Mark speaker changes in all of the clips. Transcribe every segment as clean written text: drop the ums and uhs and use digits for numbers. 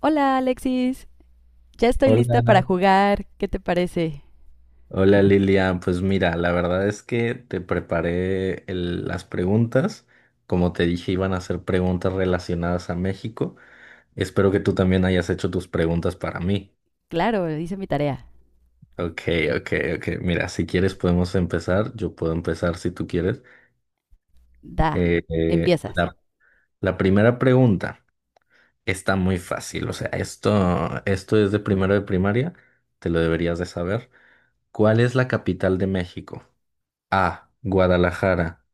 Speaker 1: Hola Alexis, ya estoy lista
Speaker 2: Hola,
Speaker 1: para jugar. ¿Qué te parece?
Speaker 2: hola Lilian. Pues mira, la verdad es que te preparé las preguntas. Como te dije, iban a ser preguntas relacionadas a México. Espero que tú también hayas hecho tus preguntas para mí.
Speaker 1: Claro, hice mi tarea.
Speaker 2: Ok, ok, ok. Mira, si quieres podemos empezar. Yo puedo empezar si tú quieres.
Speaker 1: Da.
Speaker 2: Eh, eh,
Speaker 1: Empiezas.
Speaker 2: la, la primera pregunta está muy fácil. O sea, esto es de primero de primaria. Te lo deberías de saber. ¿Cuál es la capital de México? A, Guadalajara.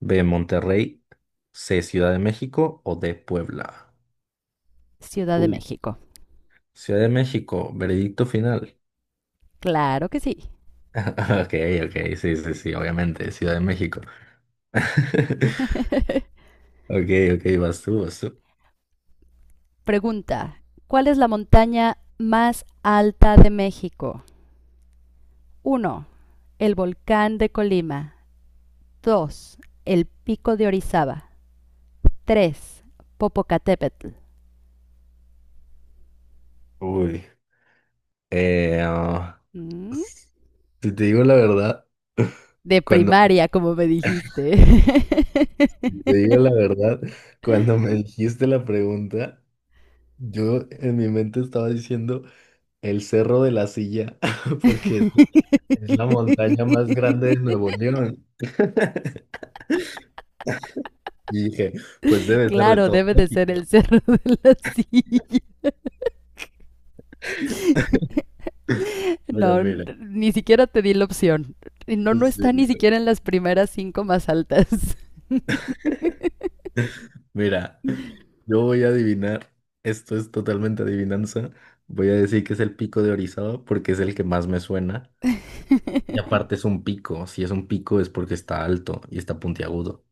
Speaker 2: B, Monterrey. C, Ciudad de México, o D, Puebla.
Speaker 1: Ciudad de
Speaker 2: Uy,
Speaker 1: México.
Speaker 2: Ciudad de México, veredicto final.
Speaker 1: Claro que sí.
Speaker 2: Ok, ok, sí, sí, sí, obviamente, Ciudad de México. Ok, ok, vas tú, vas tú.
Speaker 1: Pregunta. ¿Cuál es la montaña más alta de México? Uno, el volcán de Colima. 2, el pico de Orizaba. Tres, Popocatépetl.
Speaker 2: Uy, eh, ah,
Speaker 1: ¿Mm?
Speaker 2: si te digo la verdad,
Speaker 1: De
Speaker 2: cuando
Speaker 1: primaria, como me dijiste.
Speaker 2: si te digo la verdad, cuando me dijiste la pregunta, yo en mi mente estaba diciendo el Cerro de la Silla, porque es la montaña más grande de Nuevo León. Y dije, pues debe ser de
Speaker 1: Claro,
Speaker 2: todo
Speaker 1: debe de
Speaker 2: México.
Speaker 1: ser el cerro de la silla.
Speaker 2: Mira,
Speaker 1: No,
Speaker 2: mira.
Speaker 1: ni siquiera te di la opción. Y no, no
Speaker 2: Pues,
Speaker 1: está ni
Speaker 2: sí.
Speaker 1: siquiera en las primeras cinco más altas.
Speaker 2: Mira, yo voy a adivinar. Esto es totalmente adivinanza. Voy a decir que es el pico de Orizaba porque es el que más me suena. Y aparte es un pico. Si es un pico es porque está alto y está puntiagudo.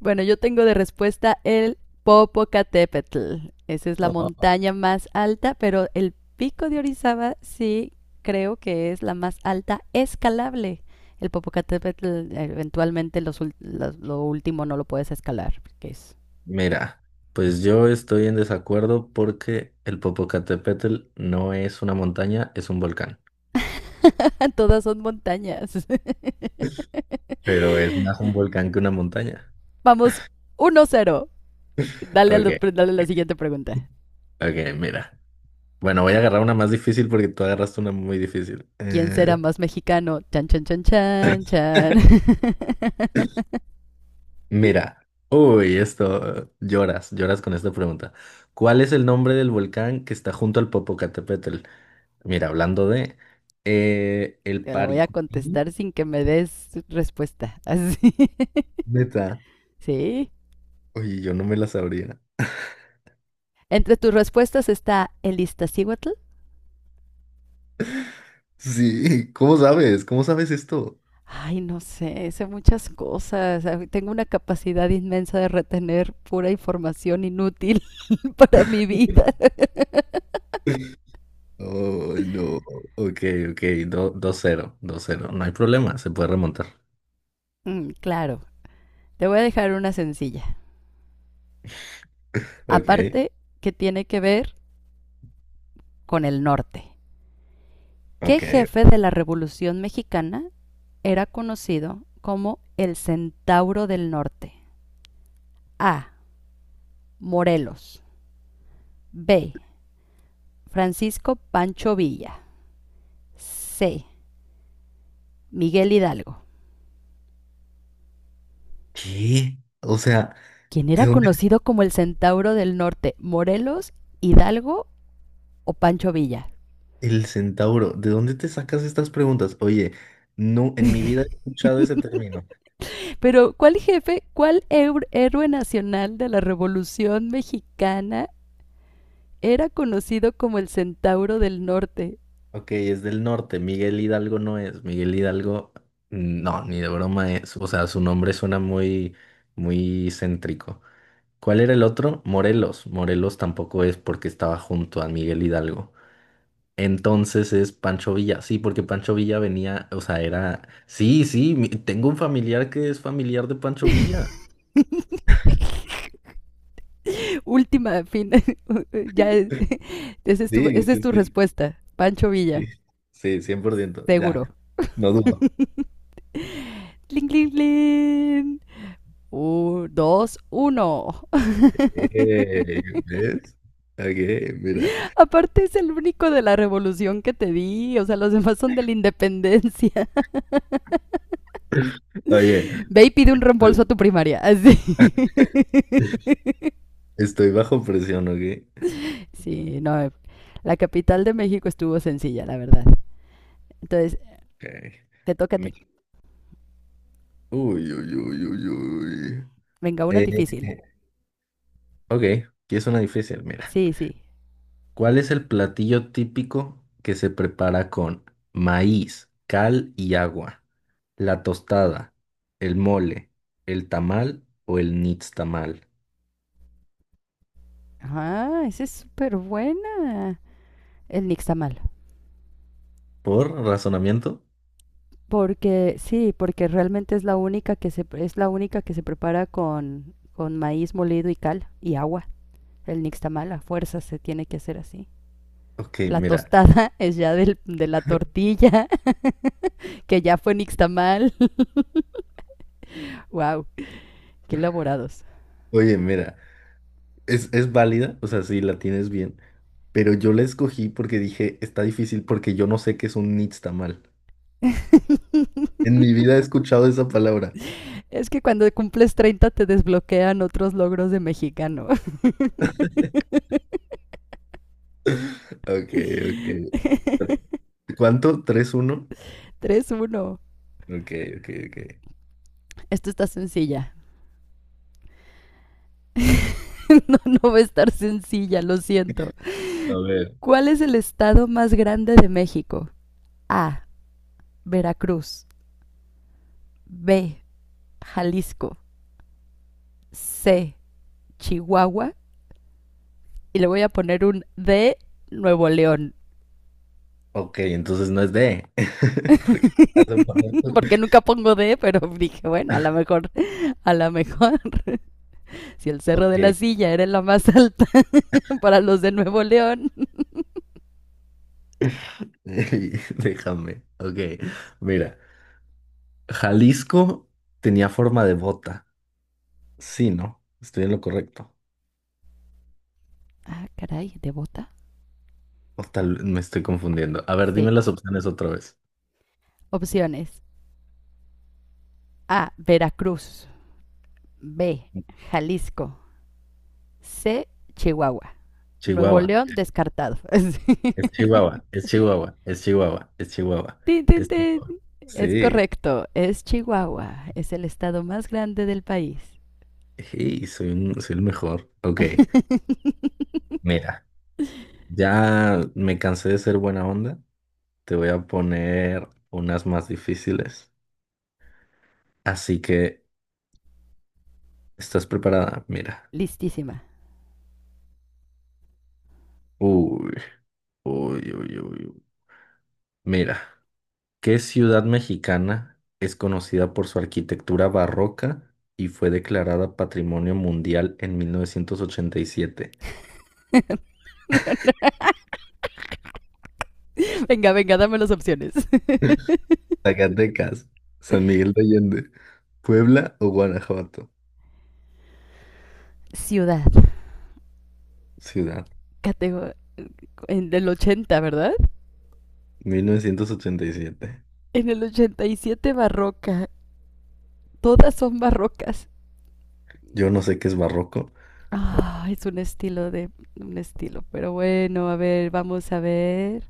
Speaker 1: Bueno, yo tengo de respuesta el Popocatépetl. Esa es la
Speaker 2: Ajá.
Speaker 1: montaña más alta, pero el pico de Orizaba sí creo que es la más alta escalable. El Popocatépetl, eventualmente lo último no lo puedes escalar, porque es...
Speaker 2: Mira, pues yo estoy en desacuerdo porque el Popocatépetl no es una montaña, es un volcán.
Speaker 1: Todas son montañas.
Speaker 2: Pero es más un volcán que una montaña.
Speaker 1: Vamos, 1-0. Dale,
Speaker 2: Ok,
Speaker 1: dale a la siguiente pregunta.
Speaker 2: ok, mira. Bueno, voy a agarrar una más difícil porque tú agarraste una muy difícil.
Speaker 1: ¿Quién será más mexicano? Chan, chan, chan, chan, chan.
Speaker 2: Mira. Uy, esto, lloras con esta pregunta. ¿Cuál es el nombre del volcán que está junto al Popocatépetl? Mira, hablando de el
Speaker 1: Te la voy a
Speaker 2: Paricupí,
Speaker 1: contestar sin que me des respuesta. Así.
Speaker 2: neta.
Speaker 1: ¿Sí?
Speaker 2: Oye, yo no me la sabría.
Speaker 1: Entre tus respuestas está el Iztaccíhuatl.
Speaker 2: Sí, ¿cómo sabes? ¿Cómo sabes esto?
Speaker 1: Ay, no sé, sé muchas cosas. Ah, tengo una capacidad inmensa de retener pura información inútil para mi vida.
Speaker 2: Oh, no. Ok, ok, dos cero, dos cero. No hay problema, se puede remontar.
Speaker 1: Mm, claro, te voy a dejar una sencilla,
Speaker 2: Ok,
Speaker 1: aparte que tiene que ver con el norte. ¿Qué
Speaker 2: ok.
Speaker 1: jefe de la Revolución Mexicana era conocido como el Centauro del Norte? A. Morelos. B. Francisco Pancho Villa. C. Miguel Hidalgo.
Speaker 2: ¿Qué? O sea,
Speaker 1: ¿Quién
Speaker 2: ¿de
Speaker 1: era
Speaker 2: dónde
Speaker 1: conocido como el Centauro del Norte? ¿Morelos, Hidalgo o Pancho Villa?
Speaker 2: el centauro? ¿De dónde te sacas estas preguntas? Oye, no, en mi vida he escuchado ese término.
Speaker 1: Pero, ¿cuál jefe, cuál héroe nacional de la Revolución Mexicana era conocido como el Centauro del Norte?
Speaker 2: Ok, es del norte. Miguel Hidalgo no es. Miguel Hidalgo, no, ni de broma es. O sea, su nombre suena muy, muy céntrico. ¿Cuál era el otro? Morelos. Morelos tampoco es porque estaba junto a Miguel Hidalgo. Entonces es Pancho Villa. Sí, porque Pancho Villa venía, o sea, era. Sí, sí, tengo un familiar que es familiar de Pancho Villa.
Speaker 1: Última, fin. Ya,
Speaker 2: Sí,
Speaker 1: esa es
Speaker 2: sí,
Speaker 1: tu
Speaker 2: sí,
Speaker 1: respuesta. Pancho
Speaker 2: sí,
Speaker 1: Villa,
Speaker 2: sí, 100%,
Speaker 1: seguro.
Speaker 2: ya, no dudo.
Speaker 1: Cling, cling, cling. 2-1.
Speaker 2: ¿Ves? Ok, mira,
Speaker 1: Aparte es el único de la revolución que te di. O sea, los demás son de la independencia.
Speaker 2: oye,
Speaker 1: Ve y pide un reembolso a tu primaria. Así.
Speaker 2: estoy bajo presión, ¿ok?
Speaker 1: Sí, no. La capital de México estuvo sencilla, la verdad. Entonces,
Speaker 2: Ok.
Speaker 1: te toca a ti.
Speaker 2: Me- Uy, uy, uy, uy, uy.
Speaker 1: Venga, una
Speaker 2: Eh,
Speaker 1: difícil.
Speaker 2: ok, aquí es una difícil, mira.
Speaker 1: Sí, sí.
Speaker 2: ¿Cuál es el platillo típico que se prepara con maíz, cal y agua? ¿La tostada, el mole, el tamal o el nixtamal?
Speaker 1: Ah, esa es súper buena. El nixtamal.
Speaker 2: ¿Por razonamiento?
Speaker 1: Porque, sí, porque realmente es la única que se prepara con, maíz molido y cal y agua. El nixtamal a fuerza se tiene que hacer así.
Speaker 2: Ok,
Speaker 1: La
Speaker 2: mira,
Speaker 1: tostada es ya de la tortilla, que ya fue nixtamal. Wow, qué elaborados.
Speaker 2: oye, mira, es válida, o sea, sí, la tienes bien, pero yo la escogí porque dije, está difícil porque yo no sé qué es un nixtamal. En mi vida he escuchado esa palabra.
Speaker 1: Es que cuando cumples 30 te desbloquean otros logros de mexicano.
Speaker 2: Ok, ok. Cuánto. Tres uno.
Speaker 1: 3-1.
Speaker 2: Ok, ok, ok.
Speaker 1: Esto está sencilla. No, no va a estar sencilla, lo siento.
Speaker 2: A ver.
Speaker 1: ¿Cuál es el estado más grande de México? A. Veracruz. B. Jalisco. C. Chihuahua. Y le voy a poner un D. Nuevo León.
Speaker 2: Ok, entonces no es D. Porque hace por ahí.
Speaker 1: Porque nunca pongo D, pero dije, bueno, a lo mejor, a lo mejor. Si el Cerro
Speaker 2: Ok,
Speaker 1: de la Silla era la más alta para los de Nuevo León.
Speaker 2: déjame. Ok, mira, Jalisco tenía forma de bota. Sí, ¿no? Estoy en lo correcto.
Speaker 1: Ah, caray, ¿de bota?
Speaker 2: O tal, me estoy confundiendo. A ver,
Speaker 1: Sí.
Speaker 2: dime las opciones otra vez.
Speaker 1: Opciones. A. Veracruz. B. Jalisco. C. Chihuahua. Nuevo
Speaker 2: Chihuahua,
Speaker 1: León descartado.
Speaker 2: es Chihuahua, es Chihuahua, es Chihuahua, es Chihuahua,
Speaker 1: Tin, tin,
Speaker 2: es
Speaker 1: tin.
Speaker 2: Chihuahua.
Speaker 1: Es
Speaker 2: Sí,
Speaker 1: correcto, es Chihuahua. Es el estado más grande del país.
Speaker 2: sí, soy el mejor. Ok, mira, ya me cansé de ser buena onda. Te voy a poner unas más difíciles. Así que, ¿estás preparada? Mira.
Speaker 1: Listísima.
Speaker 2: Uy, uy, uy, uy, uy. Mira. ¿Qué ciudad mexicana es conocida por su arquitectura barroca y fue declarada Patrimonio Mundial en 1987?
Speaker 1: Venga, venga, dame las opciones.
Speaker 2: Zacatecas, San Miguel de Allende, Puebla o Guanajuato.
Speaker 1: Ciudad.
Speaker 2: Ciudad,
Speaker 1: Categoría. En el 80, ¿verdad?
Speaker 2: 1987.
Speaker 1: En el 87, barroca. Todas son barrocas.
Speaker 2: Yo no sé qué es barroco.
Speaker 1: Ah, oh, es un estilo de... Un estilo. Pero bueno, a ver, vamos a ver.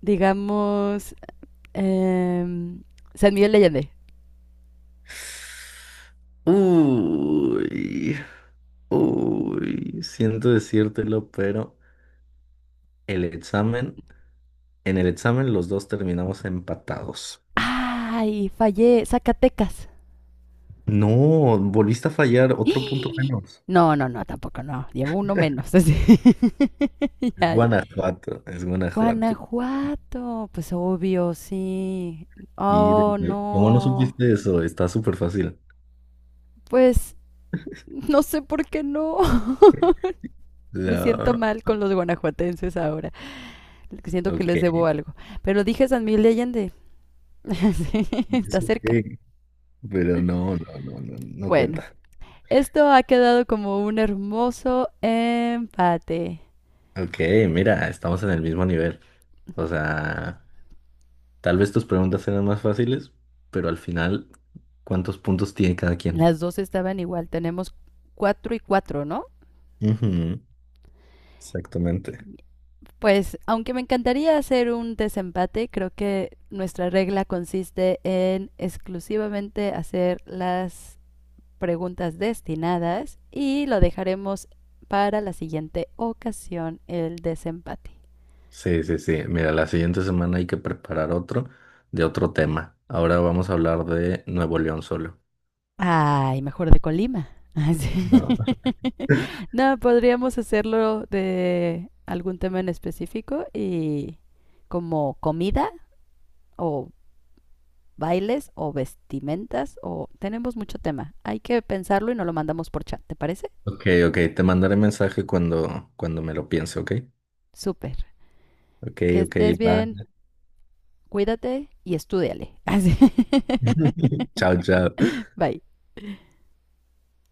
Speaker 1: Digamos... Em, San Miguel de Allende.
Speaker 2: Uy, uy, siento decírtelo, pero el examen, en el examen los dos terminamos empatados.
Speaker 1: Ay, fallé. Zacatecas.
Speaker 2: No, volviste a fallar, otro punto menos.
Speaker 1: No, no, no, tampoco no. Llevo uno menos. Así.
Speaker 2: Es
Speaker 1: Ya.
Speaker 2: Guanajuato, es Guanajuato.
Speaker 1: Guanajuato. Pues obvio, sí.
Speaker 2: Y de
Speaker 1: Oh,
Speaker 2: nuevo, ¿cómo no
Speaker 1: no.
Speaker 2: supiste eso? Está súper fácil.
Speaker 1: Pues no sé por qué no. Me siento
Speaker 2: La...
Speaker 1: mal con los guanajuatenses ahora. Siento que
Speaker 2: Ok,
Speaker 1: les debo algo. Pero dije San Miguel de Allende. Sí, está
Speaker 2: es ok,
Speaker 1: cerca.
Speaker 2: pero no, no, no, no, no
Speaker 1: Bueno,
Speaker 2: cuenta.
Speaker 1: esto ha quedado como un hermoso empate.
Speaker 2: Ok, mira, estamos en el mismo nivel. O sea, tal vez tus preguntas eran más fáciles, pero al final, ¿cuántos puntos tiene cada quien?
Speaker 1: Las dos estaban igual, tenemos 4-4, ¿no?
Speaker 2: Ujú, exactamente.
Speaker 1: Pues aunque me encantaría hacer un desempate, creo que nuestra regla consiste en exclusivamente hacer las preguntas destinadas y lo dejaremos para la siguiente ocasión el desempate.
Speaker 2: Sí, sí, sí. Mira, la siguiente semana hay que preparar otro de otro tema. Ahora vamos a hablar de Nuevo León solo.
Speaker 1: Ay, mejor de Colima. Ah, sí.
Speaker 2: No.
Speaker 1: No, podríamos hacerlo de algún tema en específico, y como comida o bailes o vestimentas, o tenemos mucho tema. Hay que pensarlo y nos lo mandamos por chat, ¿te parece?
Speaker 2: Ok, ok, te mandaré mensaje cuando me lo piense, ¿ok?
Speaker 1: Súper.
Speaker 2: Ok,
Speaker 1: Que
Speaker 2: ok,
Speaker 1: estés
Speaker 2: va.
Speaker 1: bien, cuídate y estudiale. Así.
Speaker 2: Chao, chao.
Speaker 1: Bye.